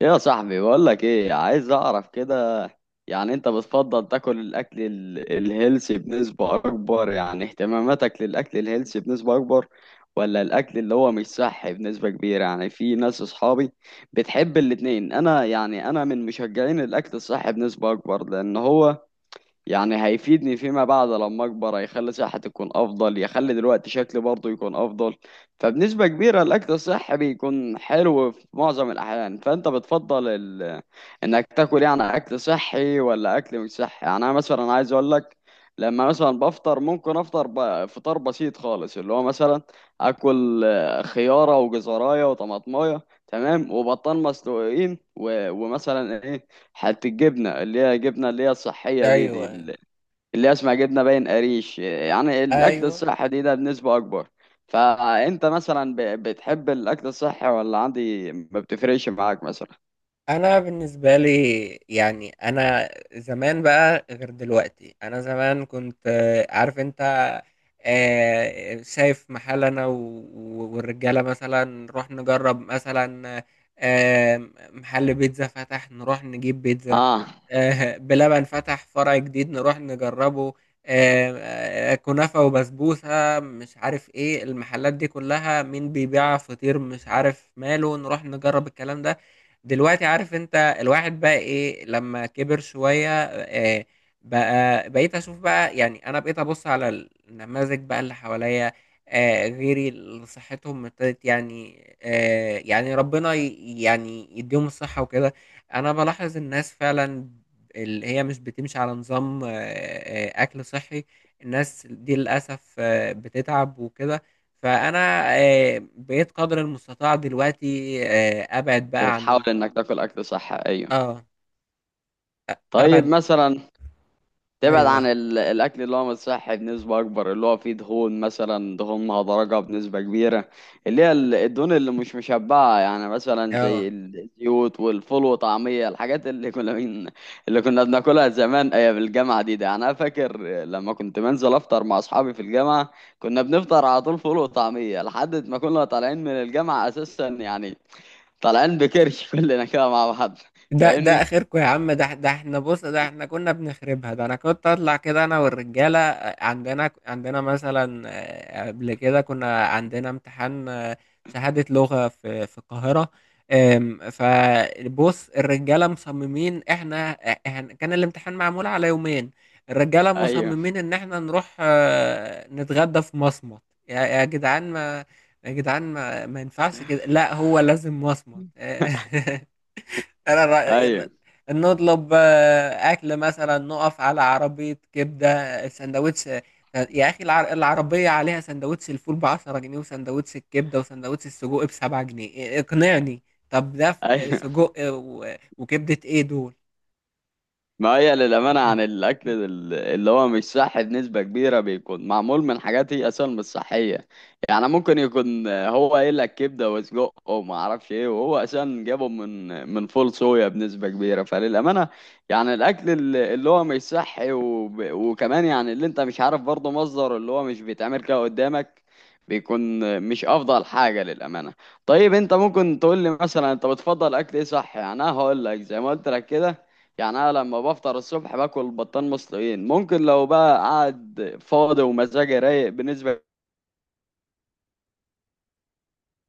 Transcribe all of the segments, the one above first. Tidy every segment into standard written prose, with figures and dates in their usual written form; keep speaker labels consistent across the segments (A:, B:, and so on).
A: يا صاحبي بقول لك ايه عايز اعرف كده. يعني انت بتفضل تاكل الاكل الهيلثي بنسبة اكبر؟ يعني اهتماماتك للاكل الهيلثي بنسبة اكبر ولا الاكل اللي هو مش صحي بنسبة كبيرة؟ يعني في ناس اصحابي بتحب الاتنين. انا يعني انا من مشجعين الاكل الصحي بنسبة اكبر، لان هو يعني هيفيدني فيما بعد لما اكبر، هيخلي صحتي تكون افضل، يخلي دلوقتي شكلي برضه يكون افضل. فبنسبة كبيرة الاكل الصحي بيكون حلو في معظم الاحيان. فانت بتفضل انك تاكل يعني اكل صحي ولا اكل مش صحي؟ يعني انا مثلا عايز اقول لك، لما مثلا بفطر ممكن افطر فطار بسيط خالص، اللي هو مثلا اكل خيارة وجزراية وطماطماية، تمام، وبطان مسلوقين ومثلا ايه، حتى الجبنة اللي هي جبنة اللي هي الصحية دي
B: ايوه، ايوه،
A: اللي هي اسمها جبنة باين قريش، يعني الأكل
B: ايوه.
A: الصحي ده بنسبة أكبر. فأنت مثلا بتحب الأكل الصحي ولا عندي ما بتفرقش معاك مثلا؟
B: انا بالنسبه لي، يعني انا زمان بقى غير دلوقتي. انا زمان كنت عارف انت، شايف محل، انا والرجاله مثلا نروح نجرب، مثلا آه، محل بيتزا فتح نروح نجيب بيتزا،
A: آه،
B: بلبن فتح فرع جديد نروح نجربه، آه، كنافة وبسبوسة، مش عارف ايه المحلات دي كلها، مين بيبيع فطير مش عارف ماله، نروح نجرب الكلام ده. دلوقتي عارف انت الواحد بقى ايه لما كبر شوية، بقى بقيت اشوف بقى. يعني انا بقيت ابص على النماذج بقى اللي حواليا، غيري اللي صحتهم ابتدت، يعني يعني ربنا يعني يديهم الصحة وكده. انا بلاحظ الناس فعلا اللي هي مش بتمشي على نظام أكل صحي، الناس دي للأسف بتتعب وكده. فأنا بقيت قدر المستطاع دلوقتي، أبعد بقى عن
A: بتحاول
B: ال...
A: إنك تاكل أكل صحي، أيوه.
B: آه.
A: طيب
B: أبعد.
A: مثلا تبعد عن
B: أيوه.
A: الاكل اللي هو مش صحي بنسبه اكبر، اللي هو فيه دهون، مثلا دهون مهدرجه بنسبه كبيره، اللي هي الدهون اللي مش مشبعه، يعني مثلا
B: آه.
A: زي الزيوت والفول وطعميه، الحاجات اللي كنا من اللي كنا بناكلها زمان ايام الجامعه دي. يعني انا فاكر لما كنت بنزل افطر مع اصحابي في الجامعه، كنا بنفطر على طول فول وطعميه لحد ما كنا طالعين من الجامعه اساسا، يعني طالعين بكرش كلنا كده مع بعض.
B: ده
A: فاهمني؟
B: ده اخركم يا عم، ده احنا، بص، ده احنا كنا بنخربها، ده انا كنت اطلع كده انا والرجاله، عندنا مثلا قبل كده كنا عندنا امتحان، شهاده لغه في القاهره. فبص الرجاله مصممين احنا، كان الامتحان معمول على يومين. الرجاله
A: ايوه،
B: مصممين ان احنا نروح نتغدى في مصمت. يا يا جدعان ما يا جدعان ما ينفعش كده، لا هو لازم مصمت أنا الر-
A: ايوه،
B: نطلب أكل، مثلا نقف على عربية كبدة سندوتش، يا أخي العربية عليها سندوتش الفول بـ10 جنيه، وسندوتش الكبدة وسندوتش السجق بـ7 جنيه، إيه، اقنعني. طب ده
A: ايوه.
B: سجق وكبدة، إيه دول؟
A: ما هي للأمانة عن الأكل اللي هو مش صحي بنسبة كبيرة بيكون معمول من حاجات هي أصلا مش صحية. يعني ممكن يكون هو قايل لك كبدة وسجق وما أعرفش إيه، وهو أصلا جابه من فول صويا بنسبة كبيرة. فللأمانة يعني الأكل اللي هو مش صحي، وكمان يعني اللي أنت مش عارف برضه مصدره، اللي هو مش بيتعمل كده قدامك، بيكون مش أفضل حاجة للأمانة. طيب أنت ممكن تقول لي مثلا أنت بتفضل أكل إيه صحي؟ يعني أنا هقول لك زي ما قلت لك كده، يعني انا لما بفطر الصبح باكل بطان مسلوقين. ممكن لو بقى قاعد فاضي ومزاجي رايق بالنسبه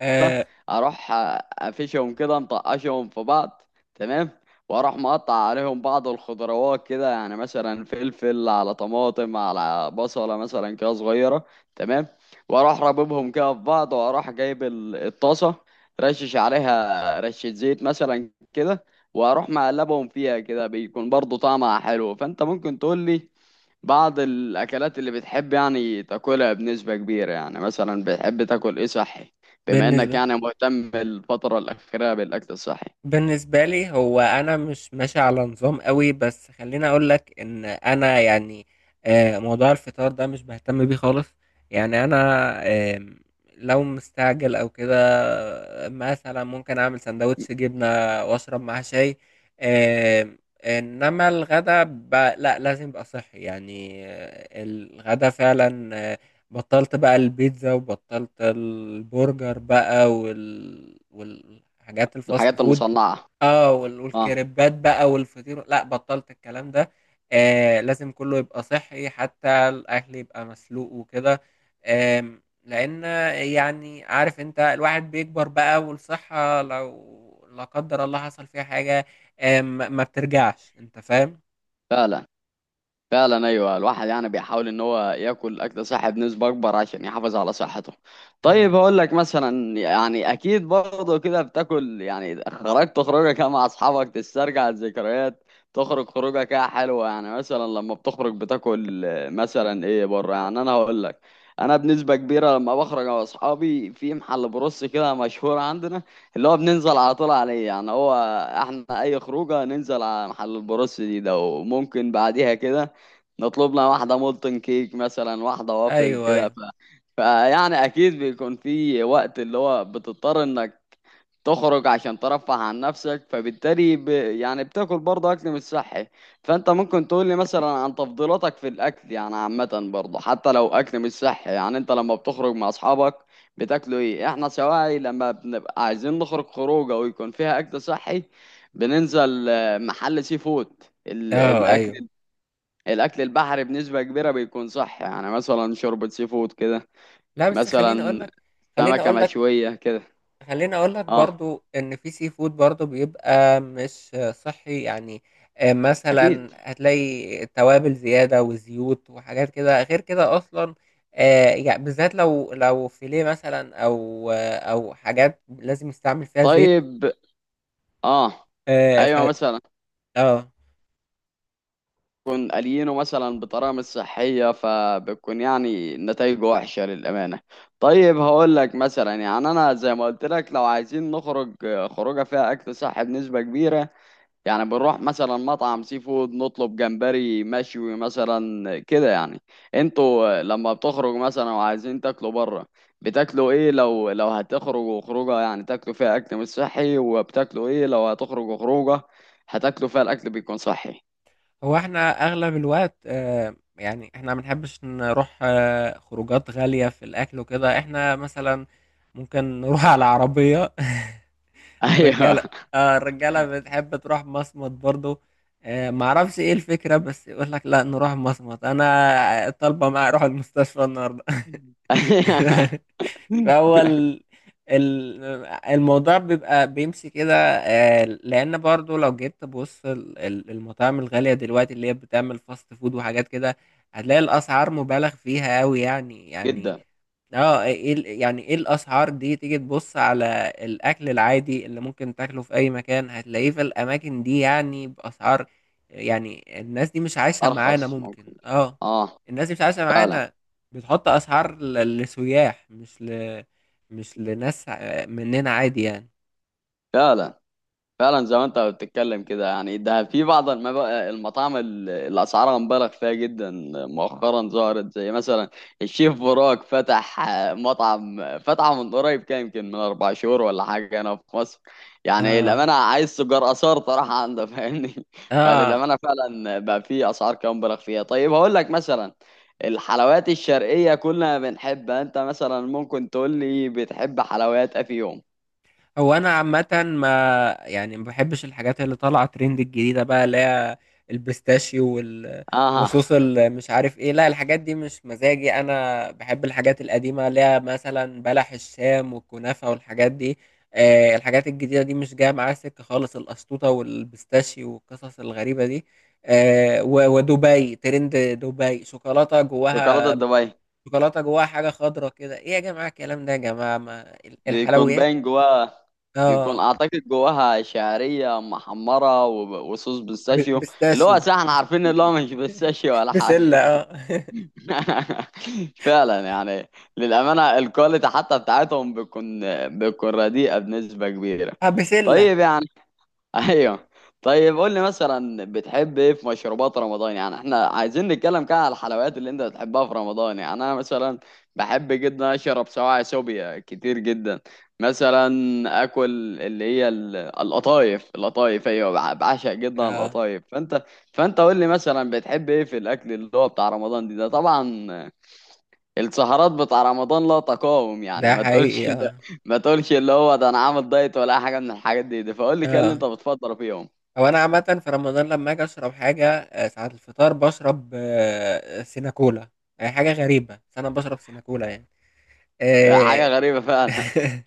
B: آه.
A: اروح افشهم كده، مطقشهم في بعض، تمام، واروح مقطع عليهم بعض الخضروات كده، يعني مثلا فلفل على طماطم على بصله مثلا كده صغيره، تمام، واروح راببهم كده في بعض، واروح جايب الطاسه، رشش عليها رشه زيت مثلا كده، واروح مقلبهم فيها كده، بيكون برضو طعمها حلو. فانت ممكن تقول لي بعض الأكلات اللي بتحب يعني تاكلها بنسبة كبيرة؟ يعني مثلا بتحب تاكل إيه صحي، بما إنك
B: بالنسبة
A: يعني مهتم الفترة الأخيرة بالأكل الصحي؟
B: بالنسبة لي، هو أنا مش ماشي على نظام قوي، بس خليني أقول لك إن أنا يعني موضوع الفطار ده مش بهتم بيه خالص. يعني أنا، آه، لو مستعجل أو كده، مثلا ممكن أعمل سندوتش جبنة وأشرب معاه شاي. آه، إنما الغدا، لا، لازم يبقى صحي. يعني الغدا فعلا، بطلت بقى البيتزا وبطلت البرجر بقى وال... والحاجات الفاست
A: الحاجات
B: فود.
A: المصنعة.
B: اه
A: اه.
B: والكريبات بقى والفطير، لا، بطلت الكلام ده. آه، لازم كله يبقى صحي، حتى الاكل يبقى مسلوق وكده. لان يعني عارف انت الواحد بيكبر بقى، والصحة لو لا قدر الله حصل فيها حاجة ما بترجعش، انت فاهم.
A: فعلا، فعلا، ايوه، الواحد يعني بيحاول ان هو ياكل اكل صحي بنسبه اكبر عشان يحافظ على صحته.
B: اه.
A: طيب هقول لك مثلا، يعني اكيد برضه كده بتاكل، يعني خرجت خروجه كده مع اصحابك تسترجع الذكريات، تخرج خروجه كده حلوه، يعني مثلا لما بتخرج بتاكل مثلا ايه بره؟ يعني انا هقول لك، انا بنسبه كبيره لما بخرج مع اصحابي في محل بروس كده مشهور عندنا، اللي هو بننزل على طول عليه، يعني هو احنا اي خروجه ننزل على محل البروس ده، وممكن بعديها كده نطلب لنا واحدة مولتن كيك مثلا، واحدة وافل
B: ايوه.
A: كده،
B: ايوه.
A: فيعني أكيد بيكون في وقت اللي هو بتضطر إنك تخرج عشان ترفه عن نفسك، فبالتالي يعني بتاكل برضه أكل مش صحي. فأنت ممكن تقول لي مثلا عن تفضيلاتك في الأكل يعني عامة برضه، حتى لو أكل مش صحي؟ يعني أنت لما بتخرج مع أصحابك بتاكلوا إيه؟ إحنا سواعي لما بنبقى عايزين نخرج خروجة ويكون فيها أكل صحي بننزل محل سي فود.
B: اه.
A: الأكل
B: ايوه.
A: الاكل البحري بنسبه كبيره بيكون صح، يعني مثلا شوربه سي فود كده،
B: لا، بس
A: مثلا
B: خليني
A: سمكه
B: اقول لك
A: مشويه كده.
B: خلّيني أقول لك
A: اه.
B: برضه إن في sea food برضه بيبقى مش صحّي، يعني مثلًا
A: اكيد.
B: هتلاقي توابل زيادة وزيوت وحاجات كده، غير كده أصلًا يع بالذات لو فيليه مثلًا، أو أو حاجات لازم يستعمل فيها زيت.
A: طيب. اه.
B: ف
A: ايوه مثلا
B: آه.
A: يكون قليينه مثلا بطريقه مش صحيه، فبتكون يعني نتائجه وحشه للامانه. طيب هقول لك مثلا، يعني انا زي ما قلت لك، لو عايزين نخرج خروجه فيها اكل صح بنسبه كبيره، يعني بنروح مثلا مطعم سي فود نطلب جمبري مشوي مثلا كده. يعني انتوا لما بتخرجوا مثلا وعايزين تاكلوا بره بتاكلوا ايه؟ لو هتخرجوا خروجه يعني تاكلوا فيها اكل مش صحي، وبتاكلوا ايه لو هتخرجوا خروجه هتاكلوا فيها الاكل بيكون صحي؟
B: هو إحنا أغلب الوقت يعني إحنا ما بنحبّش نروح خروجات غالية في الأكل وكده، إحنا مثلًا ممكن نروح على عربية
A: ايوه.
B: الرجاله اه الرجاله بتحب تروح مصمت برضو. آه، معرفش ايه الفكره، بس يقول لك لا نروح مصمت، انا طالبه معايا اروح المستشفى النهارده فهو ال- الموضوع بيبقى بيمشي كده، لان برضو لو جيت تبص المطاعم الغاليه دلوقتي اللي هي بتعمل فاست فود وحاجات كده، هتلاقي الاسعار مبالغ فيها قوي. يعني
A: جدا.
B: اه، يعني ايه الاسعار دي؟ تيجي تبص على الاكل العادي اللي ممكن تاكله في اي مكان هتلاقيه في الاماكن دي، يعني باسعار، يعني الناس دي مش عايشه معانا،
A: ارخص ممكن.
B: ممكن. اه.
A: اه،
B: الناس دي مش عايشه
A: فعلا،
B: معانا. بتحط اسعار لسياح، مش ل... مش لناس مننا عادي يعني.
A: فعلا. فعلا زي ما انت بتتكلم كده، يعني ده في بعض المطاعم اللي اسعارها مبالغ فيها جدا، مؤخرا ظهرت، زي مثلا الشيف براك فتح مطعم، فتحه من قريب، كان يمكن من اربع شهور ولا حاجه هنا في مصر. يعني
B: اه.
A: الامانه عايز سجار اثار طرح عنده، فاهمني؟
B: اه.
A: فللامانه فعلا بقى في اسعار كده مبالغ فيها. طيب هقول لك مثلا الحلويات الشرقيه كلنا بنحبها، انت مثلا ممكن تقول لي بتحب حلويات أه في يوم؟
B: هو انا عامه ما يعني ما بحبش الحاجات اللي طالعه ترند الجديده بقى، اللي هي البيستاشيو وال...
A: اها.
B: وصوص مش عارف ايه، لا الحاجات دي مش مزاجي، انا بحب الحاجات القديمه اللي هي مثلا بلح الشام والكنافه والحاجات دي. آه، الحاجات الجديده دي مش جايه معايا سكه خالص، الاسطوطه والبيستاشيو والقصص الغريبه دي. آه ودبي، ترند دبي شوكولاته
A: شوكولاته
B: جواها،
A: دبي،
B: شوكولاته جواها حاجه خضراء كده، ايه يا جماعه الكلام ده، يا جماعه ما
A: بيكون
B: الحلويات.
A: باين جواها، بيكون
B: اه،
A: اعتقد جواها شعريه محمره وصوص بيستاشيو، اللي هو
B: بيستاشيو،
A: صح احنا عارفين اللي هو مش بيستاشيو ولا
B: بسلة
A: حاجه.
B: اه
A: فعلا يعني، للامانه الكواليتي حتى بتاعتهم بيكون بيكون رديئه بنسبه كبيره.
B: اه، بسلة.
A: طيب يعني، ايوه، طيب قول لي مثلا بتحب ايه في مشروبات رمضان؟ يعني احنا عايزين نتكلم كده على الحلويات اللي انت بتحبها في رمضان. يعني انا مثلا بحب جدا اشرب سواعي سوبيا كتير جدا، مثلا اكل اللي هي القطايف، القطايف ايوه، بعشق جدا
B: اه،
A: القطايف. فانت فانت قول لي مثلا بتحب ايه في الاكل اللي هو بتاع رمضان ده؟ طبعا السهرات بتاع رمضان لا تقاوم، يعني
B: ده
A: ما تقولش
B: حقيقي.
A: ان،
B: اه.
A: ما تقولش اللي هو ده انا عامل دايت ولا أي حاجه من الحاجات دي, فقول لي كده اللي انت
B: اه،
A: بتفضل فيهم.
B: هو انا عامة في رمضان لما اجي اشرب حاجة ساعة الفطار بشرب سيناكولا. هي حاجة غريبة بس انا بشرب سيناكولا يعني
A: ده حاجة
B: آه،
A: غريبة فعلا.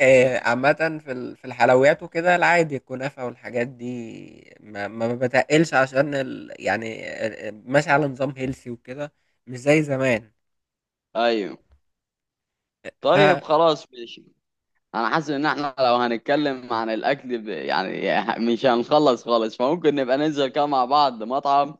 B: عامة في في الحلويات وكده، العادي الكنافة والحاجات دي ما بتقلش عشان ال... يعني ماشي على نظام هيلسي وكده، مش زي زمان.
A: ايوه.
B: ف
A: طيب خلاص ماشي. انا حاسس ان احنا لو هنتكلم عن الاكل يعني مش هنخلص خالص، فممكن نبقى ننزل كده مع بعض مطعم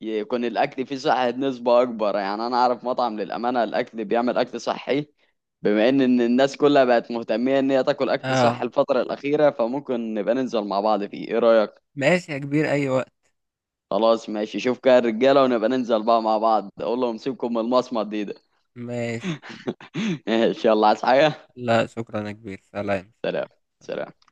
A: يكون الاكل فيه صحة نسبة اكبر. يعني انا اعرف مطعم للامانة الاكل بيعمل اكل صحي، بما ان إن الناس كلها بقت مهتمية ان هي تاكل اكل صحي
B: اه
A: الفترة الاخيرة، فممكن نبقى ننزل مع بعض فيه، ايه رأيك؟
B: ماشي يا كبير، ايوه.
A: خلاص ماشي، شوف كده الرجالة ونبقى ننزل بقى مع بعض، اقول لهم سيبكم من المصمت ده.
B: ماشي.
A: ان شاء الله. عايز حاجة؟
B: لا، شكرا يا كبير، سلام
A: سلام.
B: سلام. سلام.
A: سلام.